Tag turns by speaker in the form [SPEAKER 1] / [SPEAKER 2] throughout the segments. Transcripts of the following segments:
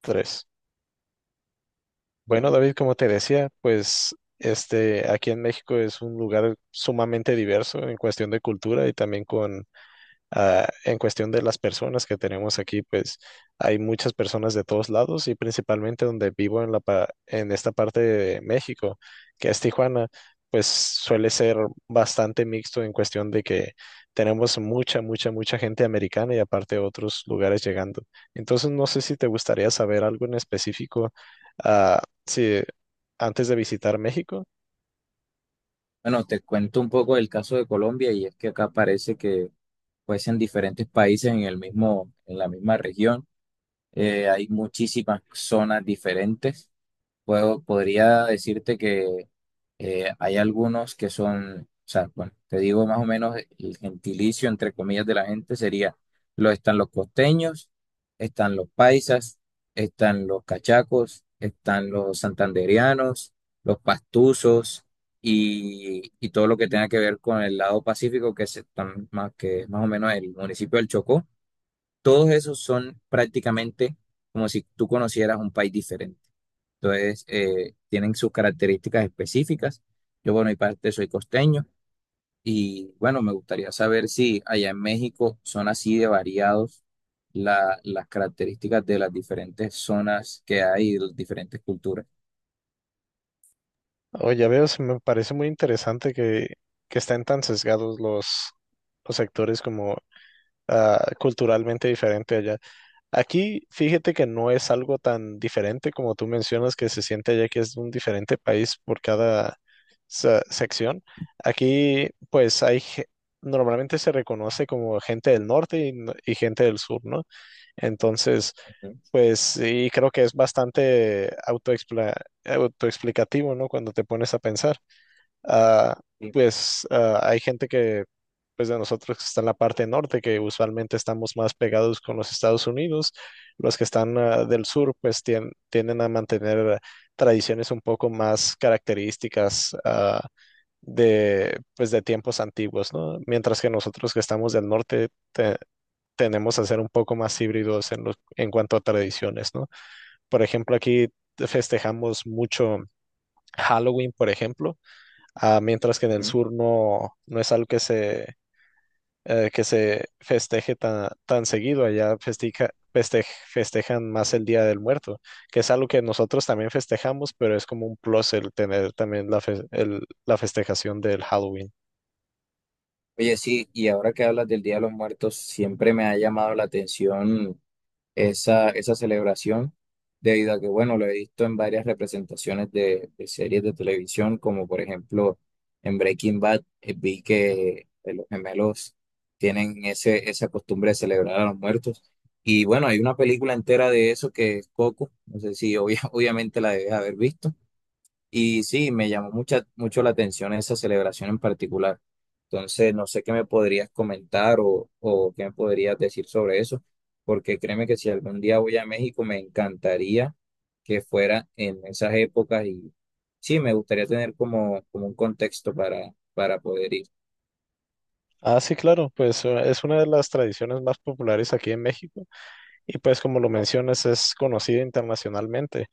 [SPEAKER 1] Tres. Bueno, David, como te decía, pues este aquí en México es un lugar sumamente diverso en cuestión de cultura y también con en cuestión de las personas que tenemos aquí, pues hay muchas personas de todos lados y principalmente donde vivo en en esta parte de México, que es Tijuana, pues suele ser bastante mixto en cuestión de que tenemos mucha, mucha, mucha gente americana y aparte otros lugares llegando. Entonces, no sé si te gustaría saber algo en específico, si antes de visitar México.
[SPEAKER 2] Bueno, te cuento un poco del caso de Colombia y es que acá parece que pues en diferentes países en el mismo, en la misma región hay muchísimas zonas diferentes. Podría decirte que hay algunos que son, o sea, bueno, te digo más o menos el gentilicio, entre comillas, de la gente sería, están los costeños, están los paisas, están los cachacos, están los santandereanos, los pastusos y todo lo que tenga que ver con el lado pacífico, que es más o menos el municipio del Chocó. Todos esos son prácticamente como si tú conocieras un país diferente. Entonces, tienen sus características específicas. Yo, bueno, y parte soy costeño y bueno, me gustaría saber si allá en México son así de variados las características de las diferentes zonas que hay, y las diferentes culturas.
[SPEAKER 1] Oh, ya veo, se me parece muy interesante que estén tan sesgados los sectores como culturalmente diferente allá. Aquí, fíjate que no es algo tan diferente como tú mencionas que se siente allá que es un diferente país por cada sección. Aquí, pues hay, normalmente se reconoce como gente del norte y gente del sur, ¿no? Entonces,
[SPEAKER 2] Ujú,
[SPEAKER 1] pues sí, creo que es bastante autoexplicativo, ¿no? Cuando te pones a pensar. Ah,
[SPEAKER 2] sí,
[SPEAKER 1] hay gente que, pues de nosotros que está en la parte norte, que usualmente estamos más pegados con los Estados Unidos, los que están del sur, pues tienden a mantener tradiciones un poco más características de, pues de tiempos antiguos, ¿no? Mientras que nosotros que estamos del norte tenemos a ser un poco más híbridos en cuanto a tradiciones, ¿no? Por ejemplo, aquí festejamos mucho Halloween, por ejemplo. Mientras que en el
[SPEAKER 2] ujú.
[SPEAKER 1] sur no, no es algo que se festeje tan, tan seguido. Allá festejan más el Día del Muerto, que es algo que nosotros también festejamos, pero es como un plus el tener también la festejación del Halloween.
[SPEAKER 2] Oye, sí, y ahora que hablas del Día de los Muertos, siempre me ha llamado la atención esa celebración, debido a que, bueno, lo he visto en varias representaciones de series de televisión, como por ejemplo en Breaking Bad, vi que los gemelos tienen esa costumbre de celebrar a los muertos. Y bueno, hay una película entera de eso que es Coco, no sé si obvia- obviamente la debes haber visto. Y sí, me llamó mucho la atención esa celebración en particular. Entonces, no sé qué me podrías comentar o qué me podrías decir sobre eso, porque créeme que si algún día voy a México, me encantaría que fuera en esas épocas y sí, me gustaría tener como un contexto para poder ir.
[SPEAKER 1] Ah, sí, claro, pues es una de las tradiciones más populares aquí en México y pues como lo mencionas es conocida internacionalmente.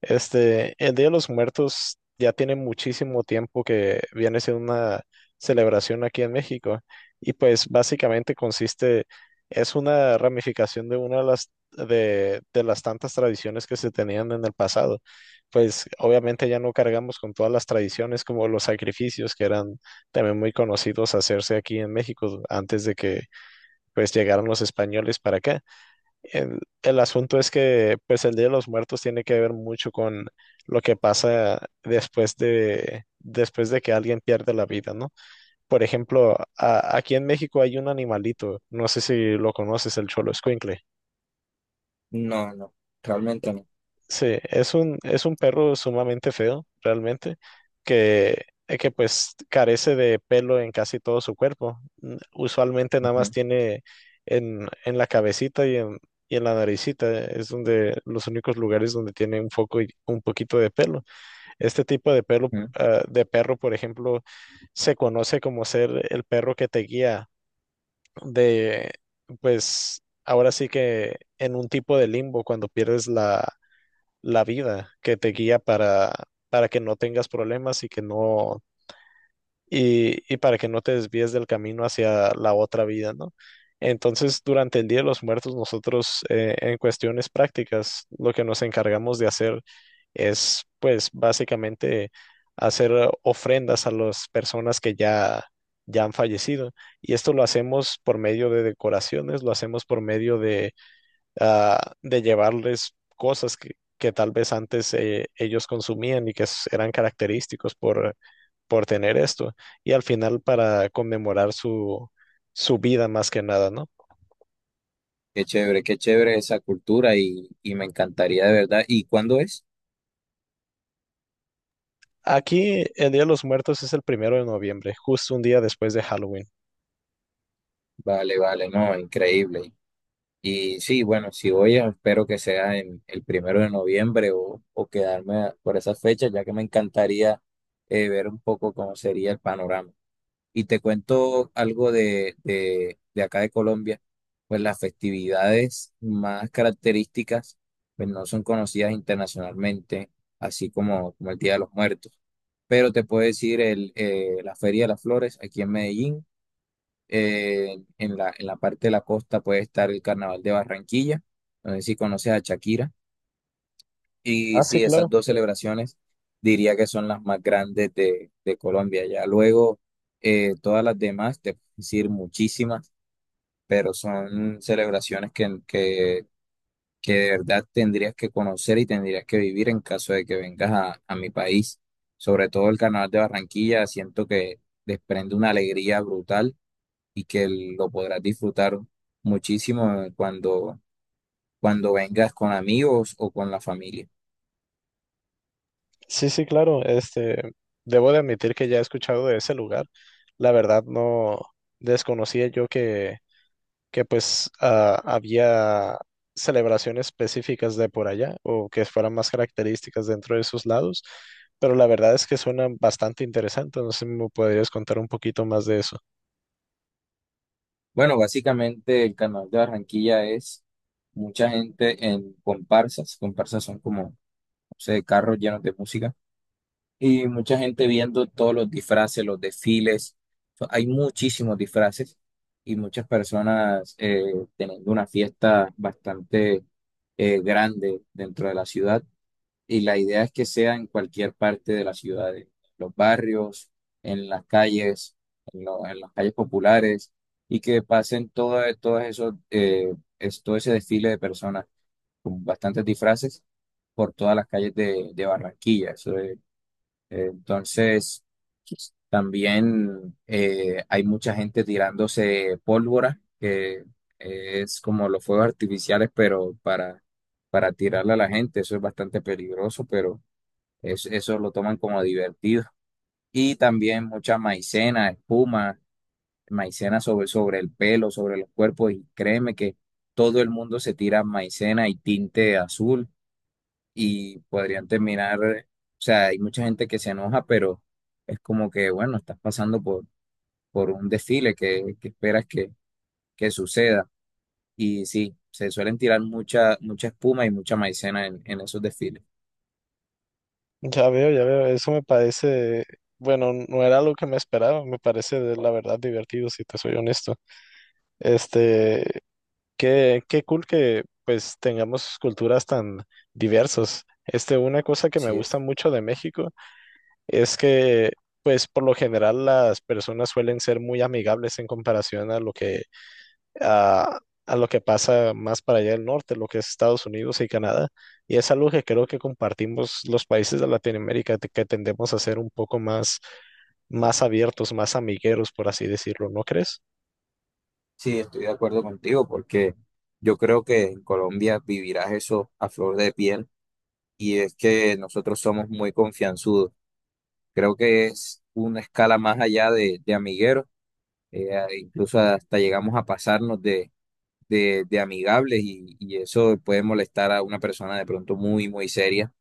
[SPEAKER 1] Este, el Día de los Muertos ya tiene muchísimo tiempo que viene siendo una celebración aquí en México y pues básicamente consiste, es una ramificación de una de de las tantas tradiciones que se tenían en el pasado. Pues obviamente ya no cargamos con todas las tradiciones como los sacrificios que eran también muy conocidos hacerse aquí en México antes de que pues llegaran los españoles para acá. El, el asunto es que pues el Día de los Muertos tiene que ver mucho con lo que pasa después después de que alguien pierde la vida, ¿no? Por ejemplo, aquí en México hay un animalito, no sé si lo conoces, el Cholo escuincle.
[SPEAKER 2] No, no, realmente no.
[SPEAKER 1] Sí, es un perro sumamente feo, realmente, que pues carece de pelo en casi todo su cuerpo. Usualmente nada más
[SPEAKER 2] Ujú,
[SPEAKER 1] tiene en la cabecita y en la naricita, es donde los únicos lugares donde tiene un foco y un poquito de pelo. Este tipo de pelo,
[SPEAKER 2] ujú.
[SPEAKER 1] de perro, por ejemplo, se conoce como ser el perro que te guía de, pues, ahora sí que en un tipo de limbo cuando pierdes la la vida que te guía para que no tengas problemas y que no, y para que no te desvíes del camino hacia la otra vida, ¿no? Entonces, durante el Día de los Muertos, nosotros en cuestiones prácticas, lo que nos encargamos de hacer es, pues, básicamente hacer ofrendas a las personas que ya, ya han fallecido. Y esto lo hacemos por medio de decoraciones, lo hacemos por medio de de llevarles cosas que tal vez antes ellos consumían y que eran característicos por tener esto, y al final para conmemorar su, su vida más que nada, ¿no?
[SPEAKER 2] Qué chévere esa cultura y me encantaría de verdad. ¿Y cuándo es?
[SPEAKER 1] Aquí el Día de los Muertos es el primero de noviembre, justo un día después de Halloween.
[SPEAKER 2] Vale, vale, no, increíble. Y sí, bueno, si voy, espero que sea en el primero de noviembre o por esa fecha, ya que me encantaría ver un poco cómo sería el panorama. Y te cuento algo de acá de Colombia, pues las festividades más características, pues no son conocidas internacionalmente, así como, como el Día de los Muertos. Pero te puedo decir la Feria de las Flores aquí en Medellín, en en la parte de la costa puede estar el Carnaval de Barranquilla, no sé si conoces a Shakira, y
[SPEAKER 1] Ah, sí,
[SPEAKER 2] sí, esas
[SPEAKER 1] claro.
[SPEAKER 2] dos celebraciones diría que son las más grandes de Colombia. Ya luego, todas las demás, te puedo decir muchísimas, pero son celebraciones que de verdad tendrías que conocer y tendrías que vivir en caso de que vengas a mi país. Sobre todo el Carnaval de Barranquilla, siento que desprende una alegría brutal y que lo podrás disfrutar muchísimo, cuando vengas con amigos o con la familia.
[SPEAKER 1] Sí, sí, claro. Este, debo de admitir que ya he escuchado de ese lugar. La verdad no desconocía yo que pues ah, había celebraciones específicas de por allá o que fueran más características dentro de esos lados, pero la verdad es que suena bastante interesante, no sé si me podrías contar un poquito más de eso.
[SPEAKER 2] Bueno, básicamente el carnaval de Barranquilla es mucha gente en comparsas. Comparsas son como, no sé, carros llenos de música y mucha gente viendo todos los disfraces, los desfiles. So, hay muchísimos disfraces y muchas personas teniendo una fiesta bastante grande dentro de la ciudad. Y la idea es que sea en cualquier parte de la ciudad, en los barrios, en las calles, en las calles populares, y que pasen todo ese desfile de personas con bastantes disfraces por todas las calles de Barranquilla. Entonces, también hay mucha gente tirándose pólvora, que es como los fuegos artificiales, pero para tirarle a la gente, eso es bastante peligroso, pero eso lo toman como divertido. Y también mucha maicena, espuma, maicena sobre el pelo, sobre los cuerpos. Y créeme que todo el mundo se tira maicena y tinte azul y podrían terminar, o sea, hay mucha gente que se enoja, pero es como que, bueno, estás pasando por un desfile que esperas que suceda. Y sí, se suelen tirar mucha, mucha espuma y mucha maicena en esos desfiles.
[SPEAKER 1] Ya veo, eso me parece, bueno, no era lo que me esperaba, me parece de la verdad divertido, si te soy honesto. Este, qué, qué cool que pues tengamos culturas tan diversas. Este, una cosa que me
[SPEAKER 2] Así
[SPEAKER 1] gusta
[SPEAKER 2] es.
[SPEAKER 1] mucho de México es que, pues, por lo general las personas suelen ser muy amigables en comparación a, a lo que pasa más para allá del norte, lo que es Estados Unidos y Canadá. Y es algo que creo que compartimos los países de Latinoamérica, que tendemos a ser un poco más, más abiertos, más amigueros, por así decirlo, ¿no crees?
[SPEAKER 2] Sí, estoy de acuerdo contigo porque yo creo que en Colombia vivirás eso a flor de piel y es que nosotros somos muy confianzudos. Creo que es una escala más allá de amigueros, incluso hasta llegamos a pasarnos de amigables y eso puede molestar a una persona de pronto muy, muy seria.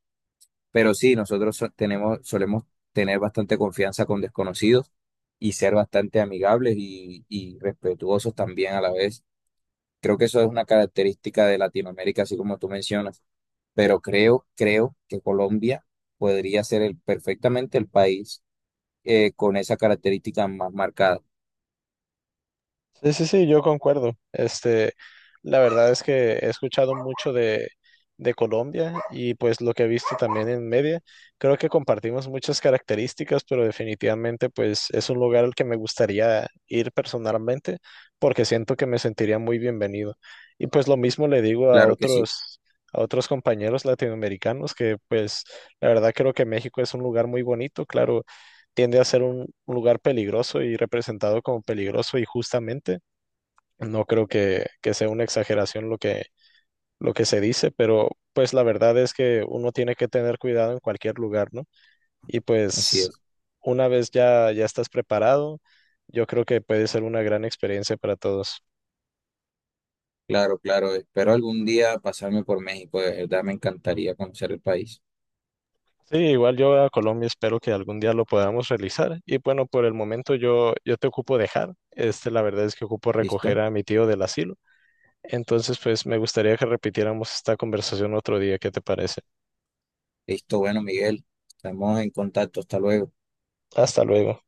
[SPEAKER 2] Pero sí, solemos tener bastante confianza con desconocidos y ser bastante amigables y respetuosos también a la vez. Creo que eso es una característica de Latinoamérica, así como tú mencionas. Pero creo que Colombia podría ser perfectamente el país con esa característica más marcada.
[SPEAKER 1] Sí, sí, sí, yo concuerdo. Este, la verdad es que he escuchado mucho de Colombia y pues lo que he visto también en media. Creo que compartimos muchas características, pero definitivamente pues es un lugar al que me gustaría ir personalmente porque siento que me sentiría muy bienvenido. Y pues lo mismo le digo
[SPEAKER 2] Claro que sí,
[SPEAKER 1] a otros compañeros latinoamericanos que pues la verdad creo que México es un lugar muy bonito. Claro, tiende a ser un lugar peligroso y representado como peligroso y justamente. No creo que sea una exageración lo que se dice, pero pues la verdad es que uno tiene que tener cuidado en cualquier lugar, ¿no? Y
[SPEAKER 2] así
[SPEAKER 1] pues
[SPEAKER 2] es.
[SPEAKER 1] una vez ya, ya estás preparado, yo creo que puede ser una gran experiencia para todos.
[SPEAKER 2] Claro, claro. Espero algún día pasarme por México. De verdad me encantaría conocer el país.
[SPEAKER 1] Sí, igual yo a Colombia espero que algún día lo podamos realizar. Y bueno, por el momento yo, yo te ocupo dejar. Este, la verdad es que ocupo recoger
[SPEAKER 2] ¿Listo?
[SPEAKER 1] a mi tío del asilo. Entonces, pues me gustaría que repitiéramos esta conversación otro día. ¿Qué te parece?
[SPEAKER 2] Listo. Bueno, Miguel, estamos en contacto. Hasta luego.
[SPEAKER 1] Hasta luego.